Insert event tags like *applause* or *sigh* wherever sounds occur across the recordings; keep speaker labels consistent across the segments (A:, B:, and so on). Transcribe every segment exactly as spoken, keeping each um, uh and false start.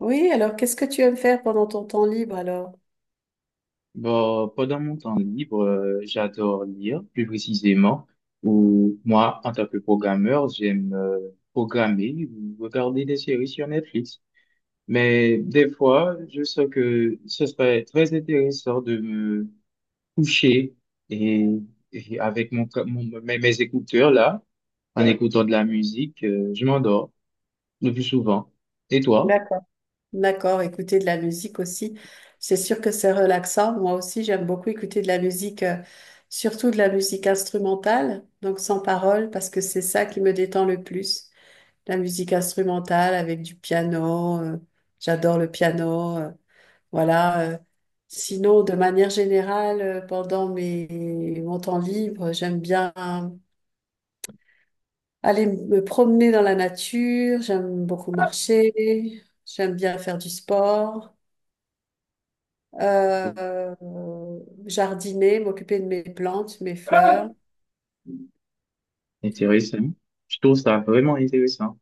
A: Oui, alors qu'est-ce que tu aimes faire pendant ton temps libre alors?
B: Bon, pendant mon temps libre, euh, j'adore lire, plus précisément, ou moi, en tant que programmeur, j'aime euh, programmer ou regarder des séries sur Netflix. Mais des fois, je sais que ce serait très intéressant de me coucher et, et avec mon, co- mon- mes, mes écouteurs là, en écoutant de la musique, euh, je m'endors le plus souvent. Et toi?
A: D'accord. D'accord, écouter de la musique aussi. C'est sûr que c'est relaxant. Moi aussi, j'aime beaucoup écouter de la musique, euh, surtout de la musique instrumentale, donc sans parole, parce que c'est ça qui me détend le plus. La musique instrumentale avec du piano, euh, j'adore le piano, euh, voilà. euh. Sinon, de manière générale, euh, pendant mes, mon temps libre, j'aime bien aller me promener dans la nature, j'aime beaucoup marcher, j'aime bien faire du sport, euh, jardiner, m'occuper de mes plantes, mes fleurs.
B: Intéressant. Je trouve ça vraiment intéressant.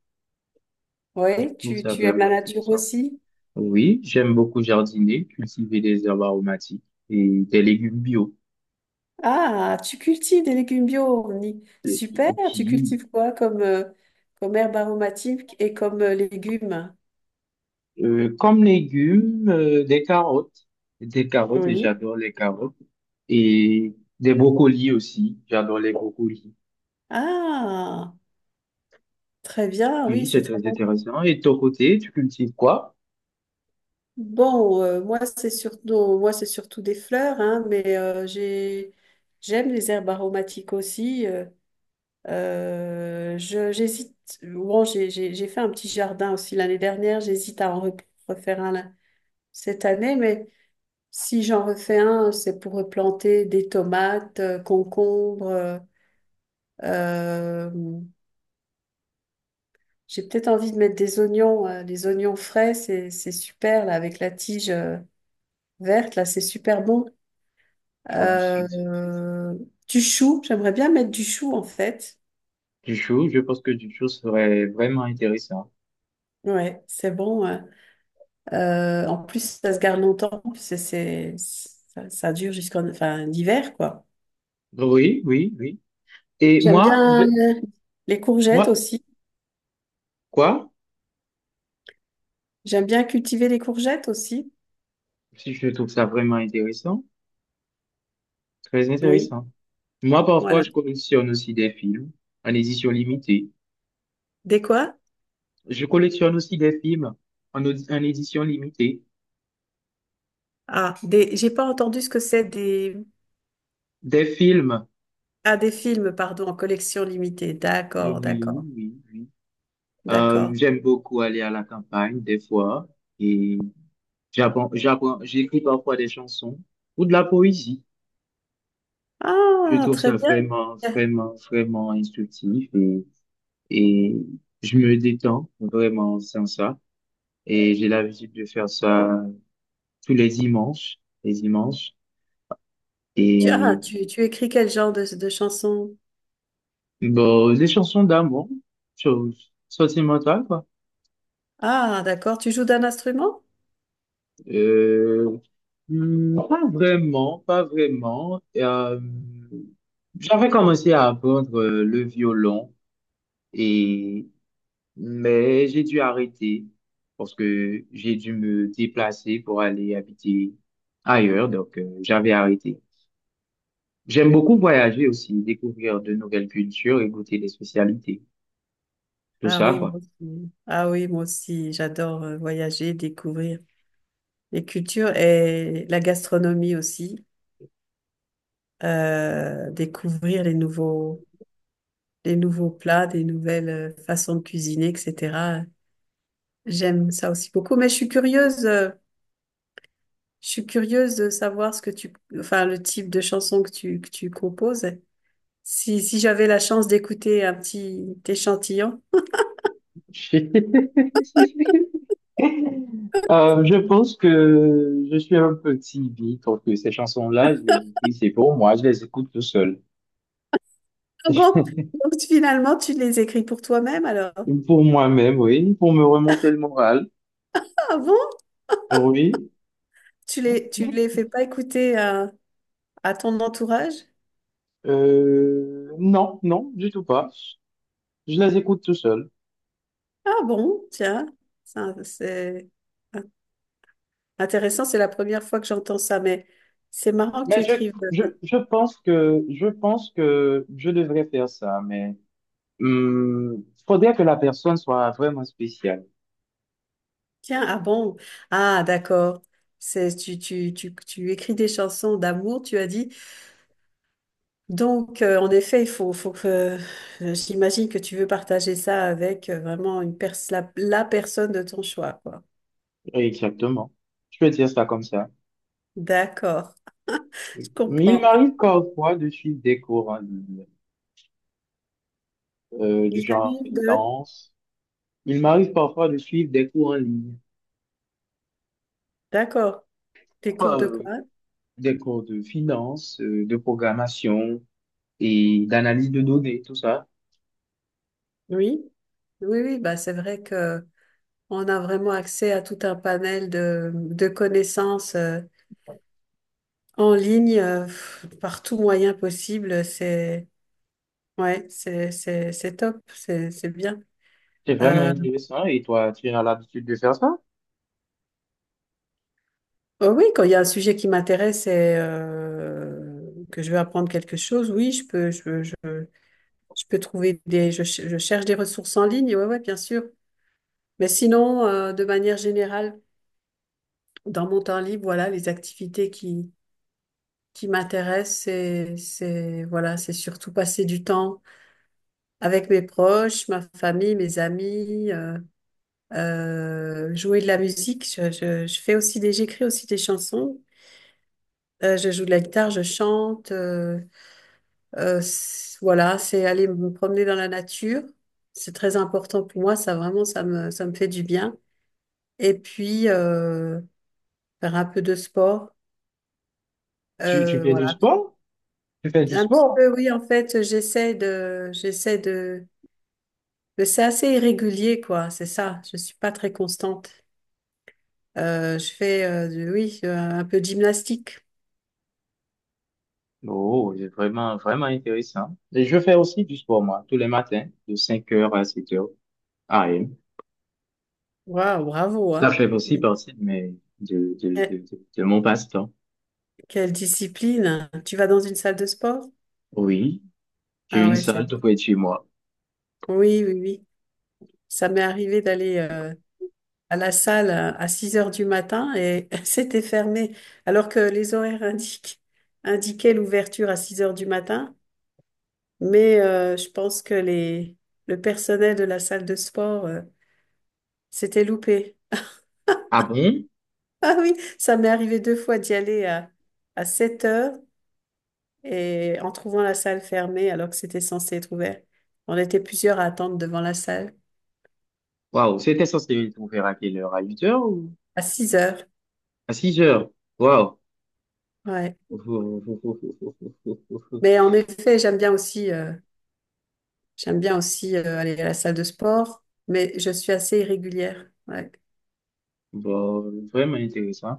B: Je
A: Oui,
B: trouve
A: tu,
B: ça
A: tu aimes
B: vraiment
A: la nature
B: intéressant.
A: aussi?
B: Oui, j'aime beaucoup jardiner, cultiver des herbes aromatiques et des légumes bio.
A: Ah, tu cultives des légumes bio, Omni.
B: Et
A: Super,
B: et
A: tu
B: puis,
A: cultives quoi comme, euh, comme herbe aromatique et comme euh, légumes?
B: euh, comme légumes, euh, des carottes, des carottes, et
A: Oui.
B: j'adore les carottes, et des brocolis aussi, j'adore les brocolis.
A: Ah, très bien,
B: Oui,
A: oui,
B: c'est
A: c'est très
B: très
A: bon.
B: intéressant. Et de ton côté, tu cultives quoi?
A: Bon, euh, moi c'est surtout, moi c'est surtout des fleurs, hein, mais euh, j'ai, j'aime les herbes aromatiques aussi. euh, euh, je, j'hésite. Bon, j'ai, j'ai, j'ai fait un petit jardin aussi l'année dernière. J'hésite à en re- refaire un là- cette année, mais si j'en refais un, c'est pour replanter des tomates, euh, concombres. euh, euh, j'ai peut-être envie de mettre des oignons, hein, des oignons frais, c'est, c'est super là avec la tige euh, verte là, c'est super bon.
B: Je trouve aussi
A: Euh, du chou, j'aimerais bien mettre du chou en fait.
B: du chou, je pense que du chou serait vraiment intéressant.
A: Ouais, c'est bon. Ouais. Euh, en plus, ça se garde longtemps. C'est, c'est, ça, ça dure jusqu'en enfin, l'hiver, quoi.
B: Oui, oui, oui. Et
A: J'aime
B: moi, je,
A: bien les courgettes
B: moi,
A: aussi.
B: quoi?
A: J'aime bien cultiver les courgettes aussi.
B: Si je trouve ça vraiment intéressant, très
A: Oui,
B: intéressant. Moi, parfois,
A: voilà.
B: je collectionne aussi des films en édition limitée.
A: Des quoi?
B: Je collectionne aussi des films en, audi- en édition limitée.
A: Ah, des, j'ai pas entendu ce que c'est des...
B: Des films,
A: Ah, des films, pardon, en collection limitée.
B: euh,
A: D'accord,
B: oui,
A: d'accord,
B: oui, oui. Euh,
A: d'accord.
B: j'aime beaucoup aller à la campagne, des fois, et j'apprends, j'apprends, j'écris parfois des chansons ou de la poésie. Je
A: Ah,
B: trouve
A: très
B: ça
A: bien.
B: vraiment, vraiment, vraiment instructif et, et je me détends vraiment sans ça. Et j'ai l'habitude de faire ça tous les dimanches, les dimanches.
A: Tu, ah,
B: Et
A: tu, tu écris quel genre de, de chansons?
B: bon, des chansons d'amour, sur- sentimentales, quoi.
A: Ah, d'accord. Tu joues d'un instrument?
B: Euh, hmm, pas vraiment, pas vraiment. Euh, j'avais commencé à apprendre euh, le violon, et, mais j'ai dû arrêter parce que j'ai dû me déplacer pour aller habiter ailleurs, donc euh, j'avais arrêté. J'aime beaucoup voyager aussi, découvrir de nouvelles cultures et goûter des spécialités. Tout
A: Ah
B: ça,
A: oui,
B: quoi.
A: moi aussi. Ah oui, moi aussi. J'adore euh, voyager, découvrir les cultures et la gastronomie aussi. Euh, découvrir les nouveaux, les nouveaux plats, des nouvelles euh, façons de cuisiner, et cetera. J'aime ça aussi beaucoup. Mais je suis curieuse. Euh, je suis curieuse de savoir ce que tu, enfin, le type de chanson que tu que tu composes. Si si j'avais la chance d'écouter un petit échantillon.
B: *laughs* Euh, je pense que je suis un petit bi, donc que ces chansons-là, je les écris, c'est pour moi, je les écoute tout seul.
A: Ah bon? Donc finalement, tu les écris pour toi-même alors?
B: Pour moi-même, oui, pour me remonter le moral,
A: Ah bon?
B: oui.
A: Tu les, tu les fais pas écouter à, à ton entourage?
B: Euh, non, non, du tout pas. Je les écoute tout seul.
A: Ah bon? Tiens, ça, c'est intéressant, c'est la première fois que j'entends ça, mais c'est marrant que tu
B: Mais je,
A: écrives. euh,
B: je,
A: des-
B: je pense que, je pense que je devrais faire ça, mais il faudrait que la personne soit vraiment spéciale.
A: Tiens, ah bon? Ah d'accord. C'est, tu, tu, tu, tu écris des chansons d'amour, tu as dit. Donc, euh, en effet, il faut, faut que, euh, j'imagine que tu veux partager ça avec euh, vraiment une pers- la, la personne de ton choix, quoi.
B: Exactement. Je peux dire ça comme ça.
A: D'accord. Je
B: Mais il
A: comprends.
B: m'arrive parfois de suivre des cours en ligne, euh, du
A: Il
B: genre
A: t'arrive de...
B: finance. Il m'arrive parfois de suivre des cours en ligne,
A: D'accord. Des cours de
B: euh,
A: quoi?
B: des cours de finance, euh, de programmation et d'analyse de données, tout ça.
A: Oui. Oui, oui, bah c'est vrai que on a vraiment accès à tout un panel de, de connaissances euh, en ligne euh, pff, par tout moyen possible. C'est ouais, c'est c'est c'est top, c'est c'est bien.
B: C'est vraiment
A: Euh,
B: intéressant. Et toi, tu as l'habitude de faire ça?
A: oh oui, quand il y a un sujet qui m'intéresse et euh, que je veux apprendre quelque chose, oui, je peux je je je peux trouver des je, ch- je cherche des ressources en ligne. Ouais, ouais, bien sûr. Mais sinon, euh, de manière générale, dans mon temps libre, voilà, les activités qui, qui m'intéressent, c'est, c'est, voilà, c'est surtout passer du temps avec mes proches, ma famille, mes amis, euh, euh, jouer de la musique. Je, je, je fais aussi des, j'écris aussi des chansons. Euh, je joue de la guitare, je chante. euh, euh, c- voilà, c'est aller me promener dans la nature. C'est très important pour moi. Ça vraiment, ça me, ça me fait du bien. Et puis, euh, faire un peu de sport.
B: Tu, tu
A: Euh,
B: fais du sport? Tu fais du
A: Un petit
B: sport?
A: peu, oui, en fait, j'essaie de, j'essaie de, mais c'est assez irrégulier, quoi, c'est ça. Je suis pas très constante. Euh, je fais, euh, du- oui, euh, un peu de gymnastique.
B: Oh, c'est vraiment, vraiment intéressant. Et je fais aussi du sport, moi, tous les matins, de cinq heures à sept heures A M.
A: Waouh, bravo,
B: Ça
A: hein.
B: fait aussi partie de mes, de, de,
A: Que-
B: de, de, de mon passe-temps.
A: Quelle discipline. Tu vas dans une salle de sport?
B: Oui, j'ai
A: Ah
B: une
A: ouais, c'est,
B: salle tout près de chez moi.
A: oui, oui, oui. Ça m'est arrivé d'aller, euh, à la salle à à six heures du matin et *laughs* c'était fermé, alors que les horaires indiquent, indiquaient l'ouverture à six heures du matin. Mais euh, je pense que les, le personnel de la salle de sport euh, s'était loupé. *laughs*
B: Ah bon?
A: Ah oui, ça m'est arrivé deux fois d'y aller à, à sept heures et en trouvant la salle fermée alors que c'était censé être ouvert. On était plusieurs à attendre devant la salle
B: Waouh, c'était censé être ouvert à quelle heure? À huit heures ou
A: à six heures.
B: à six heures. Waouh.
A: Ouais.
B: *laughs*
A: Mais en effet, j'aime bien aussi, euh, j'aime bien aussi euh, aller à la salle de sport, mais je suis assez irrégulière. Ouais.
B: Bon, vraiment intéressant.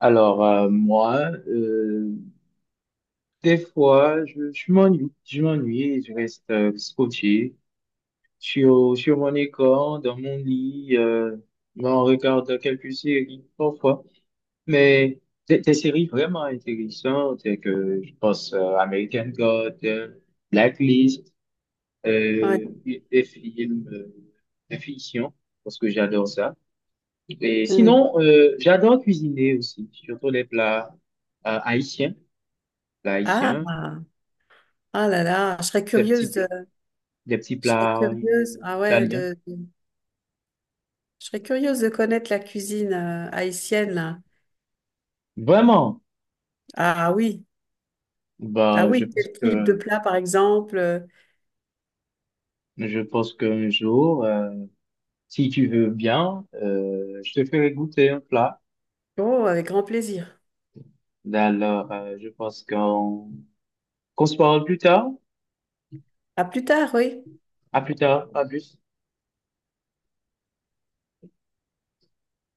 B: Alors, euh, moi, euh, des fois, je, je m'ennuie, je m'ennuie et je reste euh, scotché sur, sur mon écran, dans mon lit, euh, ben, on regarde quelques séries parfois, mais des, des séries vraiment intéressantes, et que je pense euh, American God, euh, Blacklist, euh,
A: Ouais.
B: des des films euh, de fiction, parce que j'adore ça. Et
A: Mm.
B: sinon, euh, j'adore cuisiner aussi, surtout les plats euh, haïtiens, plats
A: Ah,
B: haïtiens,
A: ah là là, je serais
B: des petits
A: curieuse de,
B: plats, des petits
A: je serais
B: plats euh,
A: curieuse, ah ouais,
B: italiens.
A: de, je serais curieuse de connaître la cuisine euh, haïtienne, là.
B: Vraiment,
A: Ah oui, ah
B: bah, je
A: oui,
B: pense
A: quel type de
B: que
A: plat, par exemple? euh.
B: je pense qu'un jour, euh, si tu veux bien, euh, je te ferai goûter un plat.
A: Oh, avec grand plaisir.
B: Ben alors, euh, je pense qu'on qu'on se parle plus tard.
A: À plus tard, oui.
B: À plus tard. À plus.